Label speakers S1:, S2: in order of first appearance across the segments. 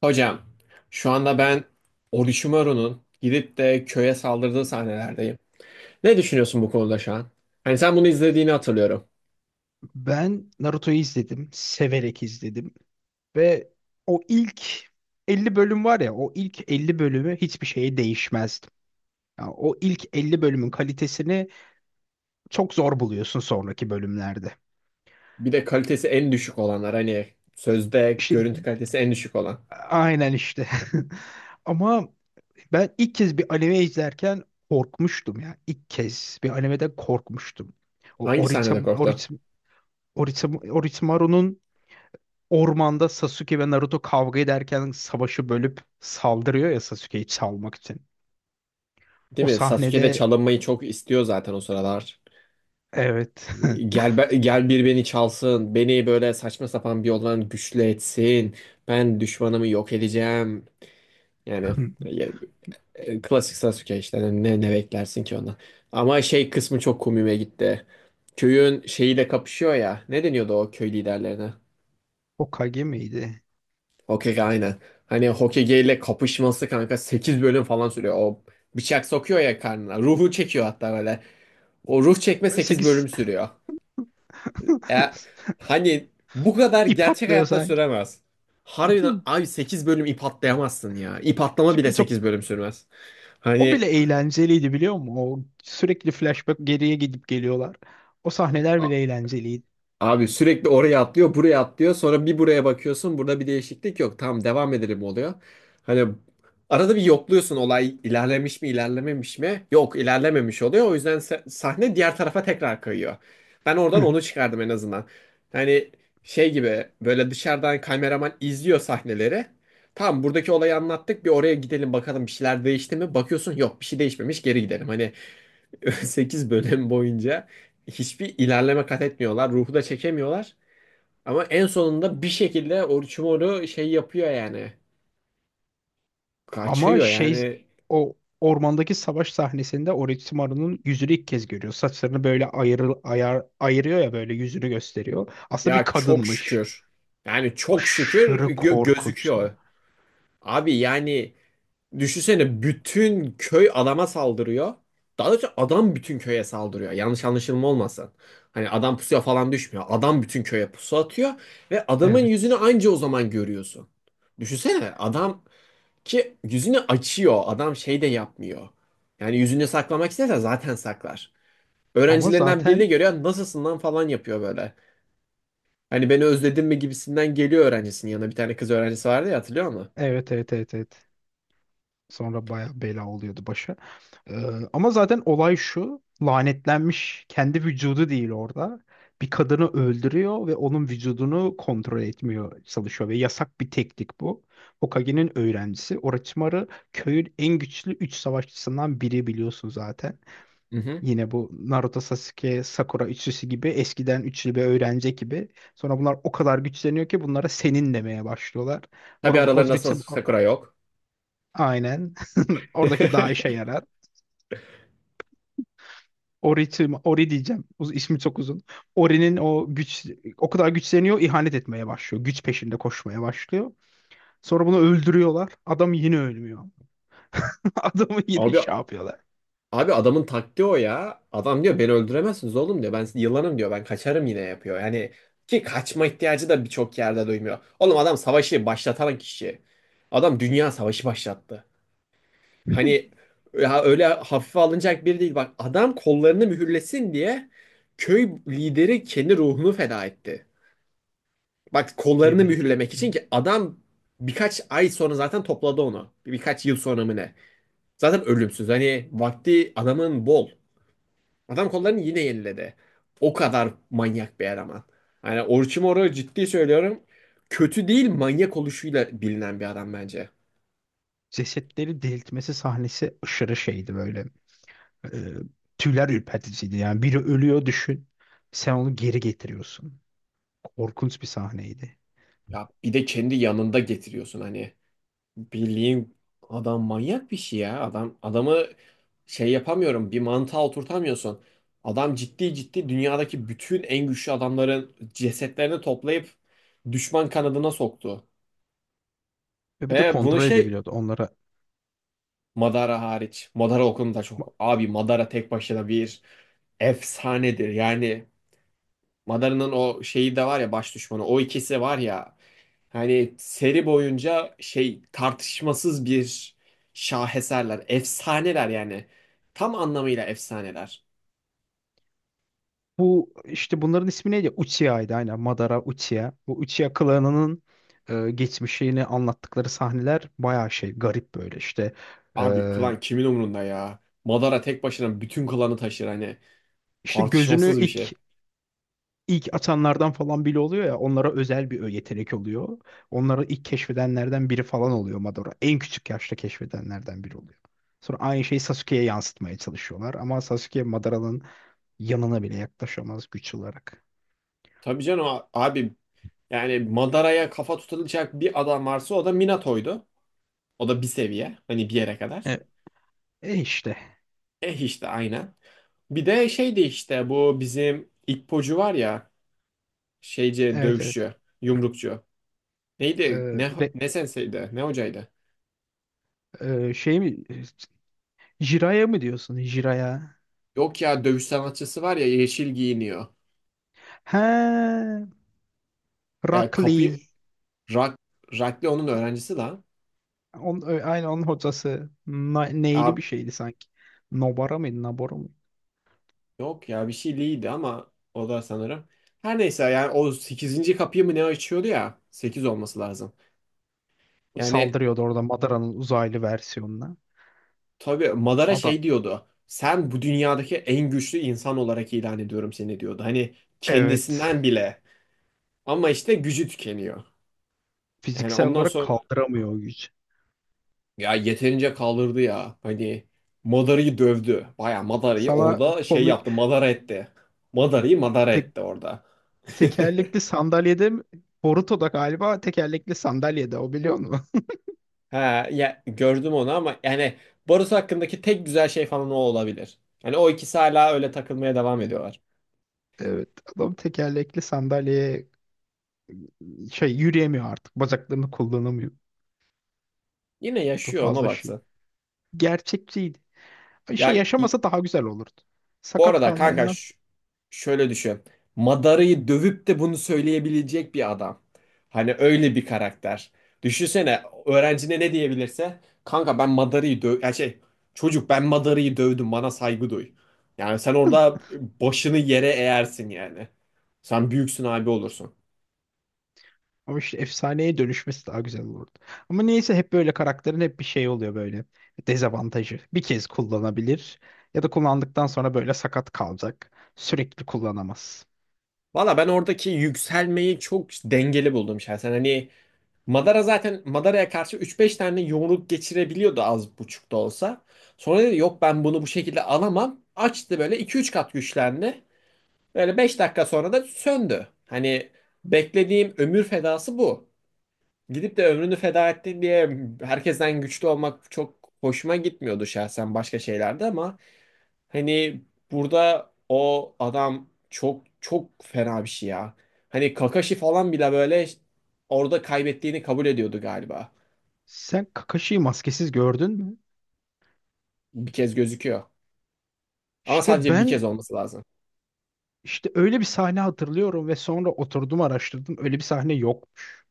S1: Hocam, şu anda ben Orochimaru'nun gidip de köye saldırdığı sahnelerdeyim. Ne düşünüyorsun bu konuda şu an? Hani sen bunu izlediğini hatırlıyorum.
S2: Ben Naruto'yu izledim. Severek izledim. Ve o ilk 50 bölüm var ya, o ilk 50 bölümü hiçbir şeye değişmezdim. Ya o ilk 50 bölümün kalitesini çok zor buluyorsun sonraki bölümlerde.
S1: Bir de kalitesi en düşük olanlar, hani sözde
S2: İşte
S1: görüntü kalitesi en düşük olan.
S2: aynen işte. Ama ben ilk kez bir anime izlerken korkmuştum ya. İlk kez bir animeden korkmuştum. O
S1: Hangi sahnede korktun?
S2: Orochimaru'nun ormanda Sasuke ve Naruto kavga ederken savaşı bölüp saldırıyor ya, Sasuke'yi çalmak için.
S1: Değil
S2: O
S1: mi? Sasuke de
S2: sahnede,
S1: çalınmayı çok istiyor zaten o sıralar.
S2: evet.
S1: Hani gel, gel bir beni çalsın. Beni böyle saçma sapan bir yoldan güçlü etsin. Ben düşmanımı yok edeceğim. Yani Klasik Sasuke işte. Hani ne beklersin ki ondan. Ama şey kısmı çok komiğime gitti. Köyün şeyiyle kapışıyor ya. Ne deniyordu o köy liderlerine?
S2: Hokage miydi?
S1: Hokage, aynen. Hani Hokage ile kapışması kanka 8 bölüm falan sürüyor. O bıçak sokuyor ya karnına. Ruhu çekiyor hatta böyle. O ruh çekme sekiz
S2: 8.
S1: bölüm sürüyor. E, hani bu kadar
S2: ip
S1: gerçek
S2: atlıyor
S1: hayatta
S2: sanki.
S1: süremez. Harbiden abi 8 bölüm ip atlayamazsın ya. İp atlama bile
S2: Çünkü çok
S1: 8 bölüm sürmez.
S2: o
S1: Hani
S2: bile eğlenceliydi, biliyor musun? O sürekli flashback, geriye gidip geliyorlar. O sahneler
S1: a-
S2: bile eğlenceliydi.
S1: abi sürekli oraya atlıyor, buraya atlıyor. Sonra bir buraya bakıyorsun. Burada bir değişiklik yok. Tamam, devam edelim oluyor. Hani arada bir yokluyorsun, olay ilerlemiş mi, ilerlememiş mi? Yok, ilerlememiş oluyor. O yüzden sahne diğer tarafa tekrar kayıyor. Ben oradan onu çıkardım en azından. Hani şey gibi, böyle dışarıdan kameraman izliyor sahneleri. Tamam, buradaki olayı anlattık. Bir oraya gidelim, bakalım bir şeyler değişti mi? Bakıyorsun, yok, bir şey değişmemiş, geri gidelim. Hani 8 bölüm boyunca hiçbir ilerleme kat etmiyorlar. Ruhu da çekemiyorlar. Ama en sonunda bir şekilde Orochimaru şey yapıyor yani.
S2: Ama
S1: Kaçıyor
S2: şey,
S1: yani.
S2: o ormandaki savaş sahnesinde Orochimaru'nun yüzünü ilk kez görüyor. Saçlarını böyle ayırıyor ya, böyle yüzünü gösteriyor. Aslında bir
S1: Ya, çok
S2: kadınmış.
S1: şükür. Yani çok şükür
S2: Aşırı
S1: gözüküyor.
S2: korkunçtu.
S1: Abi yani düşünsene, bütün köy adama saldırıyor. Daha doğrusu adam bütün köye saldırıyor. Yanlış anlaşılma olmasın. Hani adam pusuya falan düşmüyor. Adam bütün köye pusu atıyor ve adamın yüzünü
S2: Evet.
S1: anca o zaman görüyorsun. Düşünsene adam ki yüzünü açıyor. Adam şey de yapmıyor. Yani yüzünü saklamak isterse zaten saklar.
S2: Ama
S1: Öğrencilerinden
S2: zaten
S1: birini görüyor. Nasılsın lan falan yapıyor böyle. Hani beni özledin mi gibisinden geliyor öğrencisinin yanına. Bir tane kız öğrencisi vardı ya, hatırlıyor musun?
S2: evet evet, evet, evet. Sonra baya bela oluyordu başa. Ee, Ama zaten olay şu. Lanetlenmiş kendi vücudu değil orada. Bir kadını öldürüyor ve onun vücudunu kontrol etmiyor, çalışıyor ve yasak bir teknik bu. Hokage'nin öğrencisi Orochimaru, köyün en güçlü 3 savaşçısından biri, biliyorsun zaten.
S1: Hı hı.
S2: Yine bu Naruto, Sasuke, Sakura üçlüsü gibi eskiden üçlü bir öğrenci gibi. Sonra bunlar o kadar güçleniyor ki bunlara senin demeye başlıyorlar.
S1: Tabii aralarında
S2: Orochimaru.
S1: Sakura yok.
S2: Aynen. Oradaki daha işe yarar. Ori diyeceğim. Uz- ismi çok uzun. Ori'nin o güç, o kadar güçleniyor, ihanet etmeye başlıyor. Güç peşinde koşmaya başlıyor. Sonra bunu öldürüyorlar. Adam yine ölmüyor. Adamı yine
S1: Abi
S2: şey yapıyorlar.
S1: abi adamın taktiği o ya. Adam diyor beni öldüremezsiniz oğlum diyor. Ben yılanım diyor. Ben kaçarım yine yapıyor. Yani ki kaçma ihtiyacı da birçok yerde duymuyor. Oğlum adam savaşı başlatan kişi. Adam dünya savaşı başlattı. Hani ya öyle hafife alınacak biri değil. Bak, adam kollarını mühürlesin diye köy lideri kendi ruhunu feda etti. Bak, kollarını
S2: Geberip
S1: mühürlemek için
S2: gitti.
S1: ki adam birkaç ay sonra zaten topladı onu. Birkaç yıl sonra mı ne? Zaten ölümsüz. Hani vakti adamın bol. Adam kollarını yine yeniledi. O kadar manyak bir eleman. Hani Orochimaru, ciddi söylüyorum. Kötü değil, manyak oluşuyla bilinen bir adam bence.
S2: Cesetleri diriltmesi sahnesi aşırı şeydi böyle. E, tüyler ürperticiydi. Yani biri ölüyor düşün. Sen onu geri getiriyorsun. Korkunç bir sahneydi.
S1: Ya bir de kendi yanında getiriyorsun hani. Bildiğin adam manyak bir şey ya. Adam adamı şey yapamıyorum. Bir mantığa oturtamıyorsun. Adam ciddi ciddi dünyadaki bütün en güçlü adamların cesetlerini toplayıp düşman kanadına soktu.
S2: Ve bir de
S1: Ve bunu
S2: kontrol
S1: şey,
S2: edebiliyordu onlara.
S1: Madara hariç. Madara okulunda
S2: Ba-
S1: çok. Abi Madara tek başına bir efsanedir. Yani Madara'nın o şeyi de var ya, baş düşmanı. O ikisi var ya. Hani seri boyunca şey, tartışmasız bir şaheserler. Efsaneler yani. Tam anlamıyla efsaneler.
S2: Bu işte, bunların ismi neydi? Uchiha'ydı aynen. Madara Uchiha. Bu Uchiha klanının geçmişini anlattıkları sahneler bayağı şey, garip böyle işte. E,
S1: Abi klan kimin umrunda ya? Madara tek başına bütün klanı taşır hani.
S2: işte gözünü
S1: Tartışmasız bir
S2: ilk
S1: şey.
S2: ilk atanlardan falan bile oluyor ya, onlara özel bir yetenek oluyor. Onları ilk keşfedenlerden biri falan oluyor Madara. En küçük yaşta keşfedenlerden biri oluyor. Sonra aynı şeyi Sasuke'ye yansıtmaya çalışıyorlar ama Sasuke, Madara'nın yanına bile yaklaşamaz güç olarak.
S1: Tabii canım, abi yani Madara'ya kafa tutulacak bir adam varsa o da Minato'ydu. O da bir seviye. Hani bir yere kadar.
S2: E, e işte.
S1: Eh işte aynen. Bir de şeydi işte, bu bizim İppocu var ya. Şeyci,
S2: Evet, evet.
S1: dövüşçü, yumrukçu.
S2: E,
S1: Neydi? Ne
S2: re-
S1: ne senseydi? Ne hocaydı?
S2: şey mi? Jiraya mı diyorsun? Jiraya?
S1: Yok ya, dövüş sanatçısı var ya, yeşil giyiniyor.
S2: He,
S1: Ya
S2: Rock
S1: kapıyı, Rak, Rakli onun öğrencisi lan.
S2: On, aynı onun hocası. Na-
S1: Ya,
S2: neyli bir şeydi sanki. Nobara mıydı? Nabora mı?
S1: yok ya bir şey değildi ama o da sanırım. Her neyse yani o sekizinci kapıyı mı ne açıyordu ya? Sekiz olması lazım. Yani
S2: Saldırıyordu orada Madara'nın uzaylı versiyonuna.
S1: tabii Madara
S2: Adam,
S1: şey diyordu. Sen bu dünyadaki en güçlü insan olarak ilan ediyorum seni diyordu. Hani
S2: evet,
S1: kendisinden bile. Ama işte gücü tükeniyor. Yani
S2: fiziksel
S1: ondan
S2: olarak
S1: sonra
S2: kaldıramıyor o gücü.
S1: ya yeterince kaldırdı ya. Hani Madara'yı dövdü. Baya Madara'yı
S2: Sana
S1: orada şey
S2: komik
S1: yaptı. Madara etti. Madara'yı Madara
S2: tek,
S1: etti orada.
S2: tekerlekli sandalyede mi? Boruto'da galiba tekerlekli sandalyede o, biliyor musun?
S1: Ha ya, gördüm onu ama yani barış hakkındaki tek güzel şey falan o olabilir. Hani o ikisi hala öyle takılmaya devam ediyorlar.
S2: Evet, adam tekerlekli sandalyeye şey, yürüyemiyor artık, bacaklarını kullanamıyor.
S1: Yine
S2: O da
S1: yaşıyor, ona
S2: fazla şey.
S1: baksın.
S2: Gerçekçiydi. İşte
S1: Ya,
S2: yaşamasa daha güzel olurdu.
S1: bu
S2: Sakat
S1: arada kanka,
S2: kalmayından.
S1: şöyle düşün. Madara'yı dövüp de bunu söyleyebilecek bir adam. Hani öyle bir karakter. Düşünsene öğrencine ne diyebilirse. Kanka ben Madara'yı döv... Ya şey, çocuk ben Madara'yı dövdüm, bana saygı duy. Yani sen orada başını yere eğersin yani. Sen büyüksün abi olursun.
S2: Ama işte efsaneye dönüşmesi daha güzel olurdu. Ama neyse, hep böyle karakterin hep bir şey oluyor böyle. Dezavantajı. Bir kez kullanabilir ya da kullandıktan sonra böyle sakat kalacak. Sürekli kullanamaz.
S1: Valla ben oradaki yükselmeyi çok dengeli buldum şahsen. Hani Madara zaten Madara'ya karşı üç beş tane yumruk geçirebiliyordu, az buçuk da olsa. Sonra dedi yok, ben bunu bu şekilde alamam. Açtı böyle, iki üç kat güçlendi. Böyle 5 dakika sonra da söndü. Hani beklediğim ömür fedası bu. Gidip de ömrünü feda etti diye herkesten güçlü olmak çok hoşuma gitmiyordu şahsen başka şeylerde, ama hani burada o adam çok çok fena bir şey ya. Hani Kakashi falan bile böyle orada kaybettiğini kabul ediyordu galiba.
S2: Sen Kakashi'yi maskesiz gördün mü?
S1: Bir kez gözüküyor. Ama
S2: İşte
S1: sadece bir kez
S2: ben,
S1: olması lazım.
S2: işte öyle bir sahne hatırlıyorum ve sonra oturdum, araştırdım. Öyle bir sahne yokmuş.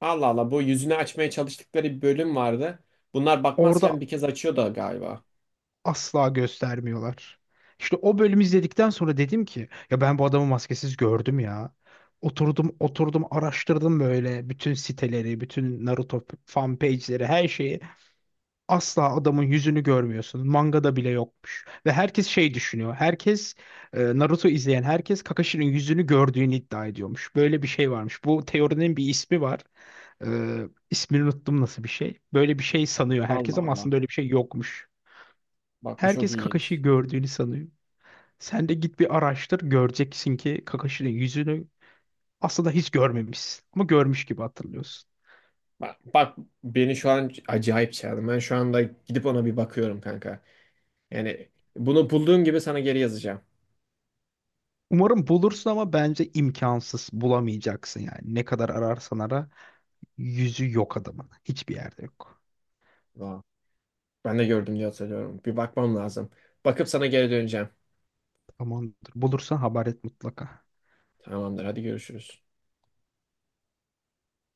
S1: Allah Allah, bu yüzünü açmaya çalıştıkları bir bölüm vardı. Bunlar
S2: Orada
S1: bakmazken bir kez açıyordu galiba.
S2: asla göstermiyorlar. İşte o bölümü izledikten sonra dedim ki ya, ben bu adamı maskesiz gördüm ya. Oturdum, oturdum, araştırdım böyle bütün siteleri, bütün Naruto fan page'leri, her şeyi. Asla adamın yüzünü görmüyorsun. Mangada bile yokmuş. Ve herkes şey düşünüyor. Herkes, Naruto izleyen herkes Kakashi'nin yüzünü gördüğünü iddia ediyormuş. Böyle bir şey varmış. Bu teorinin bir ismi var. E, ismini unuttum nasıl bir şey. Böyle bir şey sanıyor herkes
S1: Allah
S2: ama
S1: Allah.
S2: aslında öyle bir şey yokmuş.
S1: Bak, bu çok
S2: Herkes
S1: ilginç.
S2: Kakashi'yi gördüğünü sanıyor. Sen de git bir araştır, göreceksin ki Kakashi'nin yüzünü aslında hiç görmemişsin. Ama görmüş gibi hatırlıyorsun.
S1: Bak, bak, beni şu an acayip çağırdı. Ben şu anda gidip ona bir bakıyorum kanka. Yani bunu bulduğum gibi sana geri yazacağım.
S2: Umarım bulursun ama bence imkansız, bulamayacaksın yani. Ne kadar ararsan ara, yüzü yok adamın. Hiçbir yerde yok.
S1: Vay. Ben de gördüm diye hatırlıyorum. Bir bakmam lazım. Bakıp sana geri döneceğim.
S2: Tamamdır. Bulursan haber et mutlaka.
S1: Tamamdır, hadi görüşürüz.